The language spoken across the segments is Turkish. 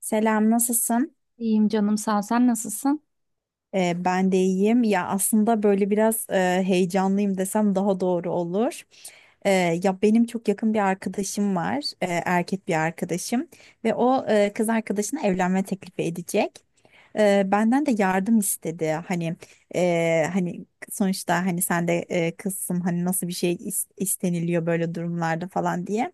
Selam, nasılsın? İyiyim canım sağ ol. Sen nasılsın? Ben de iyiyim. Ya aslında böyle biraz heyecanlıyım desem daha doğru olur. Ee, Ya benim çok yakın bir arkadaşım var, erkek bir arkadaşım ve o kız arkadaşına evlenme teklifi edecek. Benden de yardım istedi. Hani sonuçta hani sen de kızsın, hani nasıl bir şey isteniliyor böyle durumlarda falan diye.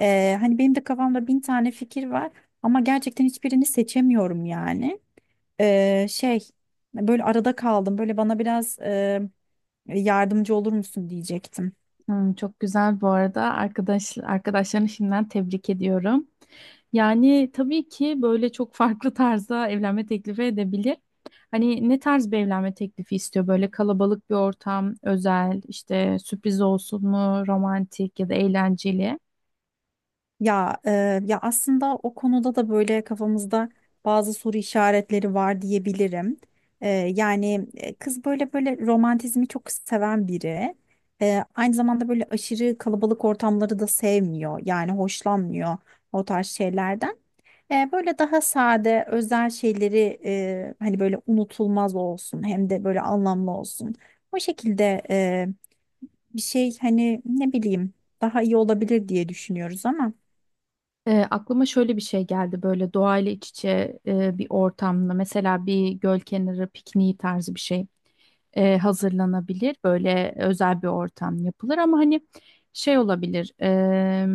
Hani benim de kafamda bin tane fikir var ama gerçekten hiçbirini seçemiyorum yani. Şey, böyle arada kaldım. Böyle bana biraz yardımcı olur musun diyecektim. Hmm, çok güzel bu arada. Arkadaşlarını şimdiden tebrik ediyorum. Yani tabii ki böyle çok farklı tarzda evlenme teklifi edebilir. Hani ne tarz bir evlenme teklifi istiyor? Böyle kalabalık bir ortam, özel, işte sürpriz olsun mu, romantik ya da eğlenceli? Ya e, ya aslında o konuda da böyle kafamızda bazı soru işaretleri var diyebilirim. Yani kız böyle romantizmi çok seven biri. Aynı zamanda böyle aşırı kalabalık ortamları da sevmiyor. Yani hoşlanmıyor o tarz şeylerden. Böyle daha sade, özel şeyleri hani böyle unutulmaz olsun, hem de böyle anlamlı olsun. O şekilde bir şey hani ne bileyim daha iyi olabilir diye düşünüyoruz ama. Aklıma şöyle bir şey geldi böyle doğayla iç içe bir ortamda mesela bir göl kenarı pikniği tarzı bir şey hazırlanabilir. Böyle özel bir ortam yapılır ama hani şey olabilir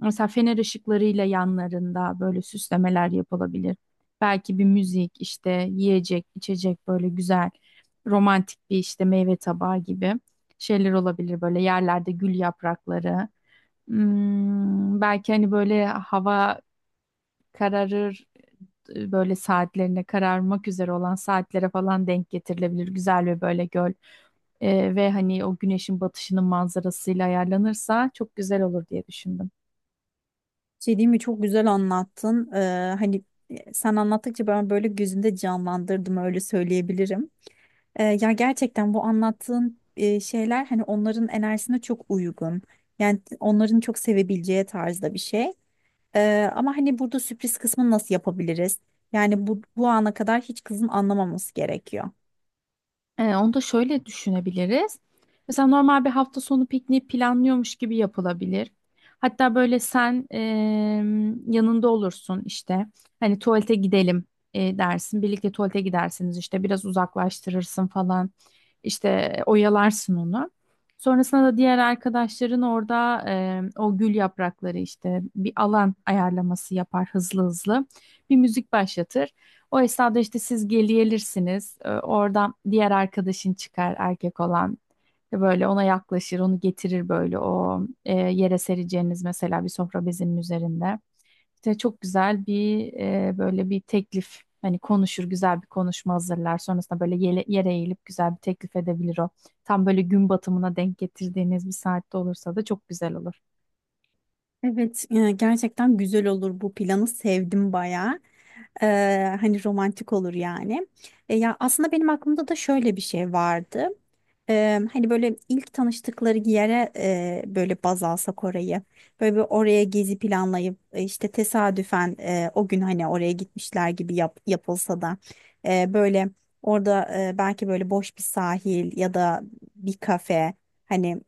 mesela fener ışıklarıyla yanlarında böyle süslemeler yapılabilir. Belki bir müzik işte yiyecek içecek böyle güzel romantik bir işte meyve tabağı gibi şeyler olabilir böyle yerlerde gül yaprakları. Hmm, belki hani böyle hava kararır böyle saatlerine kararmak üzere olan saatlere falan denk getirilebilir. Güzel ve böyle göl ve hani o güneşin batışının manzarasıyla ayarlanırsa çok güzel olur diye düşündüm. Şey, diyeyim mi, çok güzel anlattın. Hani sen anlattıkça ben böyle gözümde canlandırdım, öyle söyleyebilirim. Ya gerçekten bu anlattığın şeyler hani onların enerjisine çok uygun. Yani onların çok sevebileceği tarzda bir şey. Ama hani burada sürpriz kısmını nasıl yapabiliriz? Yani bu ana kadar hiç kızın anlamaması gerekiyor. Onu da şöyle düşünebiliriz. Mesela normal bir hafta sonu pikniği planlıyormuş gibi yapılabilir. Hatta böyle sen yanında olursun işte. Hani tuvalete gidelim dersin. Birlikte tuvalete gidersiniz işte. Biraz uzaklaştırırsın falan. İşte oyalarsın onu. Sonrasında da diğer arkadaşların orada o gül yaprakları işte bir alan ayarlaması yapar hızlı hızlı. Bir müzik başlatır. O esnada işte siz geliyelirsiniz. Oradan diğer arkadaşın çıkar erkek olan. Ve böyle ona yaklaşır, onu getirir böyle o yere sereceğiniz mesela bir sofra bezinin üzerinde. İşte çok güzel bir böyle bir teklif hani konuşur, güzel bir konuşma hazırlar. Sonrasında böyle yere eğilip güzel bir teklif edebilir o. Tam böyle gün batımına denk getirdiğiniz bir saatte olursa da çok güzel olur. Evet, gerçekten güzel olur, bu planı sevdim bayağı. Hani romantik olur yani. Ya aslında benim aklımda da şöyle bir şey vardı. Hani böyle ilk tanıştıkları yere böyle baz alsak orayı. Böyle bir oraya gezi planlayıp işte tesadüfen o gün hani oraya gitmişler gibi yapılsa da böyle orada belki böyle boş bir sahil ya da bir kafe, hani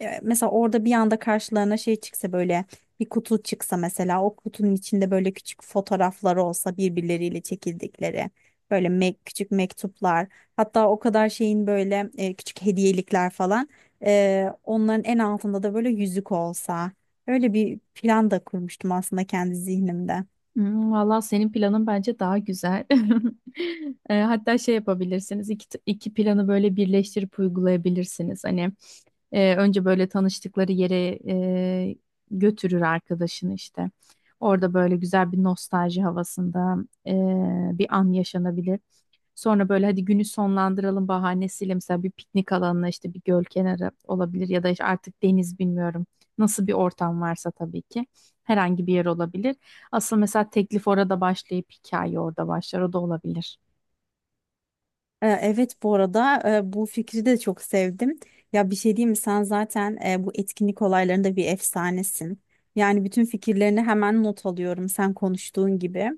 mesela orada bir anda karşılarına şey çıksa, böyle bir kutu çıksa, mesela o kutunun içinde böyle küçük fotoğrafları olsa birbirleriyle çekildikleri, böyle küçük mektuplar, hatta o kadar şeyin böyle küçük hediyelikler falan, onların en altında da böyle yüzük olsa, öyle bir plan da kurmuştum aslında kendi zihnimde. Hmm, valla senin planın bence daha güzel. Hatta şey yapabilirsiniz, iki planı böyle birleştirip uygulayabilirsiniz. Hani önce böyle tanıştıkları yere götürür arkadaşını işte. Orada böyle güzel bir nostalji havasında e, bir an yaşanabilir. Sonra böyle hadi günü sonlandıralım bahanesiyle mesela bir piknik alanına işte bir göl kenarı olabilir ya da işte artık deniz bilmiyorum. Nasıl bir ortam varsa tabii ki herhangi bir yer olabilir. Asıl mesela teklif orada başlayıp hikaye orada başlar o da olabilir. Evet, bu arada bu fikri de çok sevdim. Ya bir şey diyeyim mi, sen zaten bu etkinlik olaylarında bir efsanesin. Yani bütün fikirlerini hemen not alıyorum sen konuştuğun gibi.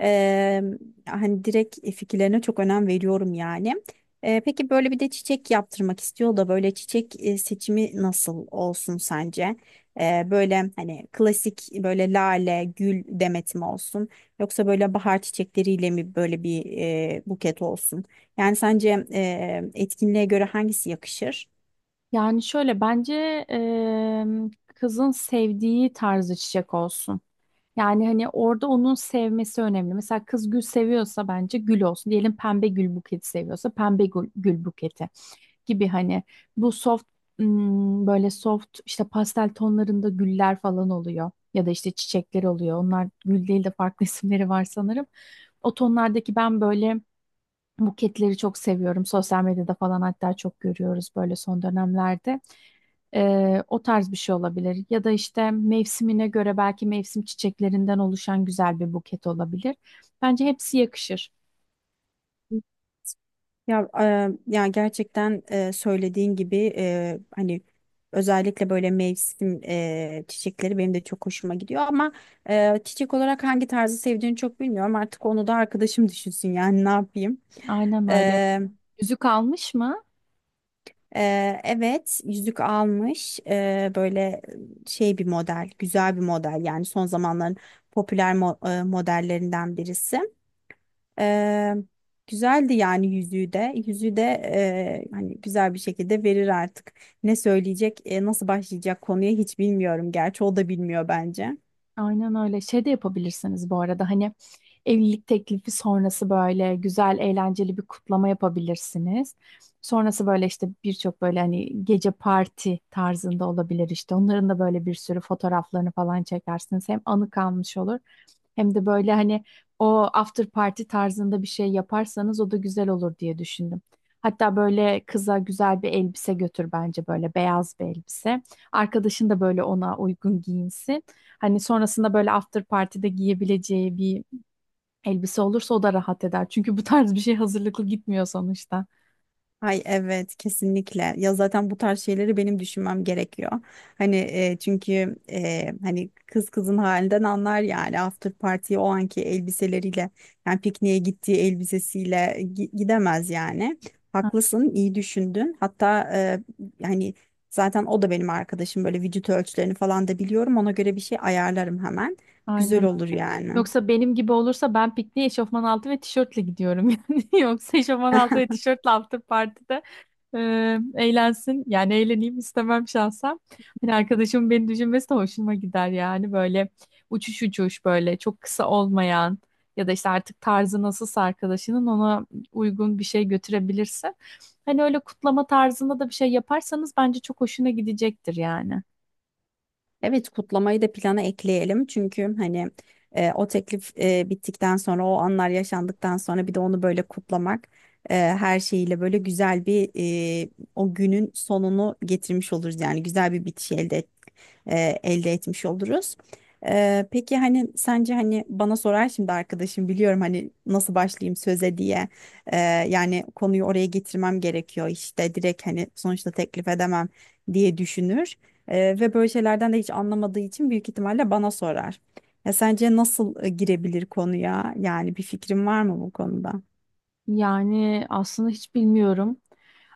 Eee, Hani direkt fikirlerine çok önem veriyorum yani. Peki böyle bir de çiçek yaptırmak istiyor da, böyle çiçek seçimi nasıl olsun sence? Böyle hani klasik böyle lale, gül demeti mi olsun? Yoksa böyle bahar çiçekleriyle mi böyle bir buket olsun? Yani sence etkinliğe göre hangisi yakışır? Yani şöyle bence kızın sevdiği tarzı çiçek olsun. Yani hani orada onun sevmesi önemli. Mesela kız gül seviyorsa bence gül olsun. Diyelim pembe gül buketi seviyorsa pembe gül, gül buketi. Gibi hani bu soft böyle soft işte pastel tonlarında güller falan oluyor ya da işte çiçekler oluyor. Onlar gül değil de farklı isimleri var sanırım. O tonlardaki ben böyle buketleri çok seviyorum. Sosyal medyada falan hatta çok görüyoruz böyle son dönemlerde. O tarz bir şey olabilir. Ya da işte mevsimine göre belki mevsim çiçeklerinden oluşan güzel bir buket olabilir. Bence hepsi yakışır. Ya gerçekten söylediğin gibi hani özellikle böyle mevsim çiçekleri benim de çok hoşuma gidiyor ama çiçek olarak hangi tarzı sevdiğini çok bilmiyorum. Artık onu da arkadaşım düşünsün yani, ne yapayım. Aynen öyle. E, Yüzük almış mı? Evet, yüzük almış. Böyle şey, bir model, güzel bir model, yani son zamanların popüler modellerinden birisi. Eee, Güzeldi yani yüzüğü de. Yüzüğü de hani güzel bir şekilde verir artık. Ne söyleyecek, nasıl başlayacak konuya, hiç bilmiyorum. Gerçi o da bilmiyor bence. Aynen öyle. Şey de yapabilirsiniz bu arada hani evlilik teklifi sonrası böyle güzel eğlenceli bir kutlama yapabilirsiniz. Sonrası böyle işte birçok böyle hani gece parti tarzında olabilir işte. Onların da böyle bir sürü fotoğraflarını falan çekersiniz. Hem anı kalmış olur hem de böyle hani o after party tarzında bir şey yaparsanız o da güzel olur diye düşündüm. Hatta böyle kıza güzel bir elbise götür bence böyle beyaz bir elbise. Arkadaşın da böyle ona uygun giyinsin. Hani sonrasında böyle after party'de giyebileceği bir elbise olursa o da rahat eder. Çünkü bu tarz bir şey hazırlıklı gitmiyor sonuçta. Ay evet, kesinlikle. Ya zaten bu tarz şeyleri benim düşünmem gerekiyor. Hani çünkü hani kız kızın halinden anlar yani, after party o anki elbiseleriyle, yani pikniğe gittiği elbisesiyle gidemez yani. Ha, Haklısın, iyi düşündün. Hatta yani zaten o da benim arkadaşım, böyle vücut ölçülerini falan da biliyorum. Ona göre bir şey ayarlarım hemen. aynen. Güzel Öyle. olur yani. Yoksa benim gibi olursa ben pikniğe eşofman altı ve tişörtle gidiyorum yani. Yoksa eşofman altı ve tişörtle after party'de eğlensin. Yani eğleneyim istemem şahsen. Hani arkadaşımın beni düşünmesi de hoşuma gider yani böyle uçuş uçuş böyle çok kısa olmayan ya da işte artık tarzı nasılsa arkadaşının ona uygun bir şey götürebilirse. Hani öyle kutlama tarzında da bir şey yaparsanız bence çok hoşuna gidecektir yani. Evet, kutlamayı da plana ekleyelim, çünkü hani o teklif bittikten sonra, o anlar yaşandıktan sonra bir de onu böyle kutlamak, her şeyiyle böyle güzel bir, e, o günün sonunu getirmiş oluruz yani, güzel bir bitiş elde etmiş oluruz. Peki hani sence, hani bana sorar şimdi arkadaşım, biliyorum, hani nasıl başlayayım söze diye. E, Yani konuyu oraya getirmem gerekiyor işte, direkt hani sonuçta teklif edemem diye düşünür. Ve böyle şeylerden de hiç anlamadığı için büyük ihtimalle bana sorar. Ya sence nasıl girebilir konuya? Yani bir fikrin var mı bu konuda? Yani aslında hiç bilmiyorum.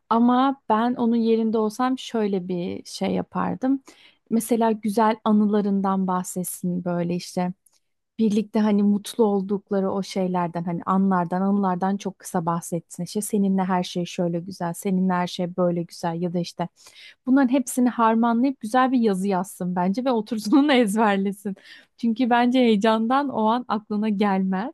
Ama ben onun yerinde olsam şöyle bir şey yapardım. Mesela güzel anılarından bahsetsin böyle işte. Birlikte hani mutlu oldukları o şeylerden hani anlardan anılardan çok kısa bahsetsin. İşte seninle her şey şöyle güzel, seninle her şey böyle güzel ya da işte bunların hepsini harmanlayıp güzel bir yazı yazsın bence ve otursun onu ezberlesin. Çünkü bence heyecandan o an aklına gelmez.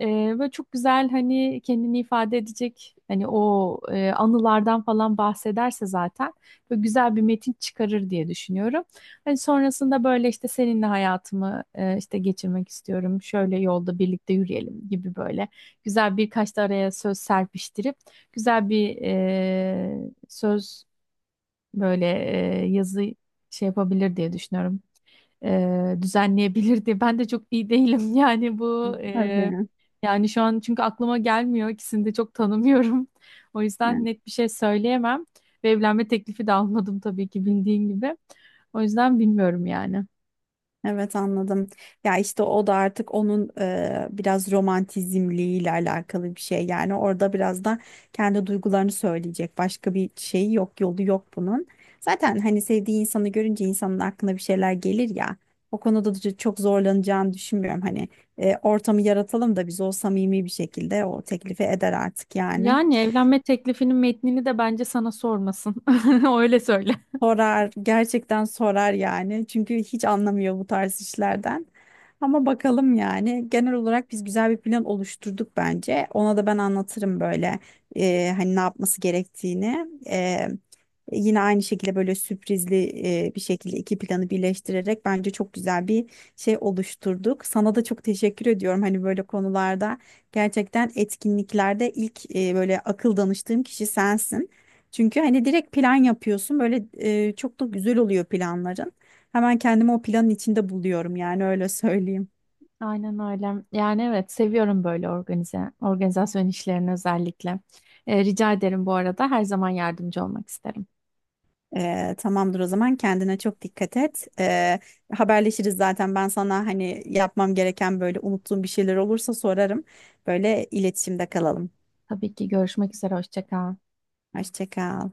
Ee, Böyle çok güzel hani kendini ifade edecek hani o anılardan falan bahsederse zaten böyle güzel bir metin çıkarır diye düşünüyorum. Hani sonrasında böyle işte seninle hayatımı işte geçirmek istiyorum. Şöyle yolda birlikte yürüyelim gibi böyle güzel birkaç da araya söz serpiştirip güzel bir söz böyle yazı şey yapabilir diye düşünüyorum düzenleyebilirdi. Ben de çok iyi değilim yani bu Tabii. yani şu an çünkü aklıma gelmiyor. İkisini de çok tanımıyorum. O yüzden net bir şey söyleyemem. Ve evlenme teklifi de almadım tabii ki bildiğin gibi. O yüzden bilmiyorum yani. Evet, anladım. Ya işte o da artık onun biraz romantizmliğiyle alakalı bir şey. Yani orada biraz da kendi duygularını söyleyecek. Başka bir şey yok, yolu yok bunun. Zaten hani sevdiği insanı görünce insanın aklına bir şeyler gelir ya. O konuda da çok zorlanacağını düşünmüyorum. Hani ortamı yaratalım da biz, o samimi bir şekilde o teklifi eder artık yani. Yani evlenme teklifinin metnini de bence sana sormasın. Öyle söyle. Sorar, gerçekten sorar yani. Çünkü hiç anlamıyor bu tarz işlerden. Ama bakalım yani. Genel olarak biz güzel bir plan oluşturduk bence. Ona da ben anlatırım böyle hani ne yapması gerektiğini. Yine aynı şekilde böyle sürprizli bir şekilde iki planı birleştirerek bence çok güzel bir şey oluşturduk. Sana da çok teşekkür ediyorum hani böyle konularda. Gerçekten etkinliklerde ilk böyle akıl danıştığım kişi sensin. Çünkü hani direkt plan yapıyorsun, böyle çok da güzel oluyor planların. Hemen kendimi o planın içinde buluyorum yani, öyle söyleyeyim. Aynen öyle. Yani evet seviyorum böyle organizasyon işlerini özellikle. E, rica ederim bu arada her zaman yardımcı olmak isterim. Tamamdır, o zaman kendine çok dikkat et. Haberleşiriz zaten, ben sana hani yapmam gereken böyle unuttuğum bir şeyler olursa sorarım. Böyle iletişimde kalalım. Tabii ki görüşmek üzere. Hoşça kal. Hoşça kal.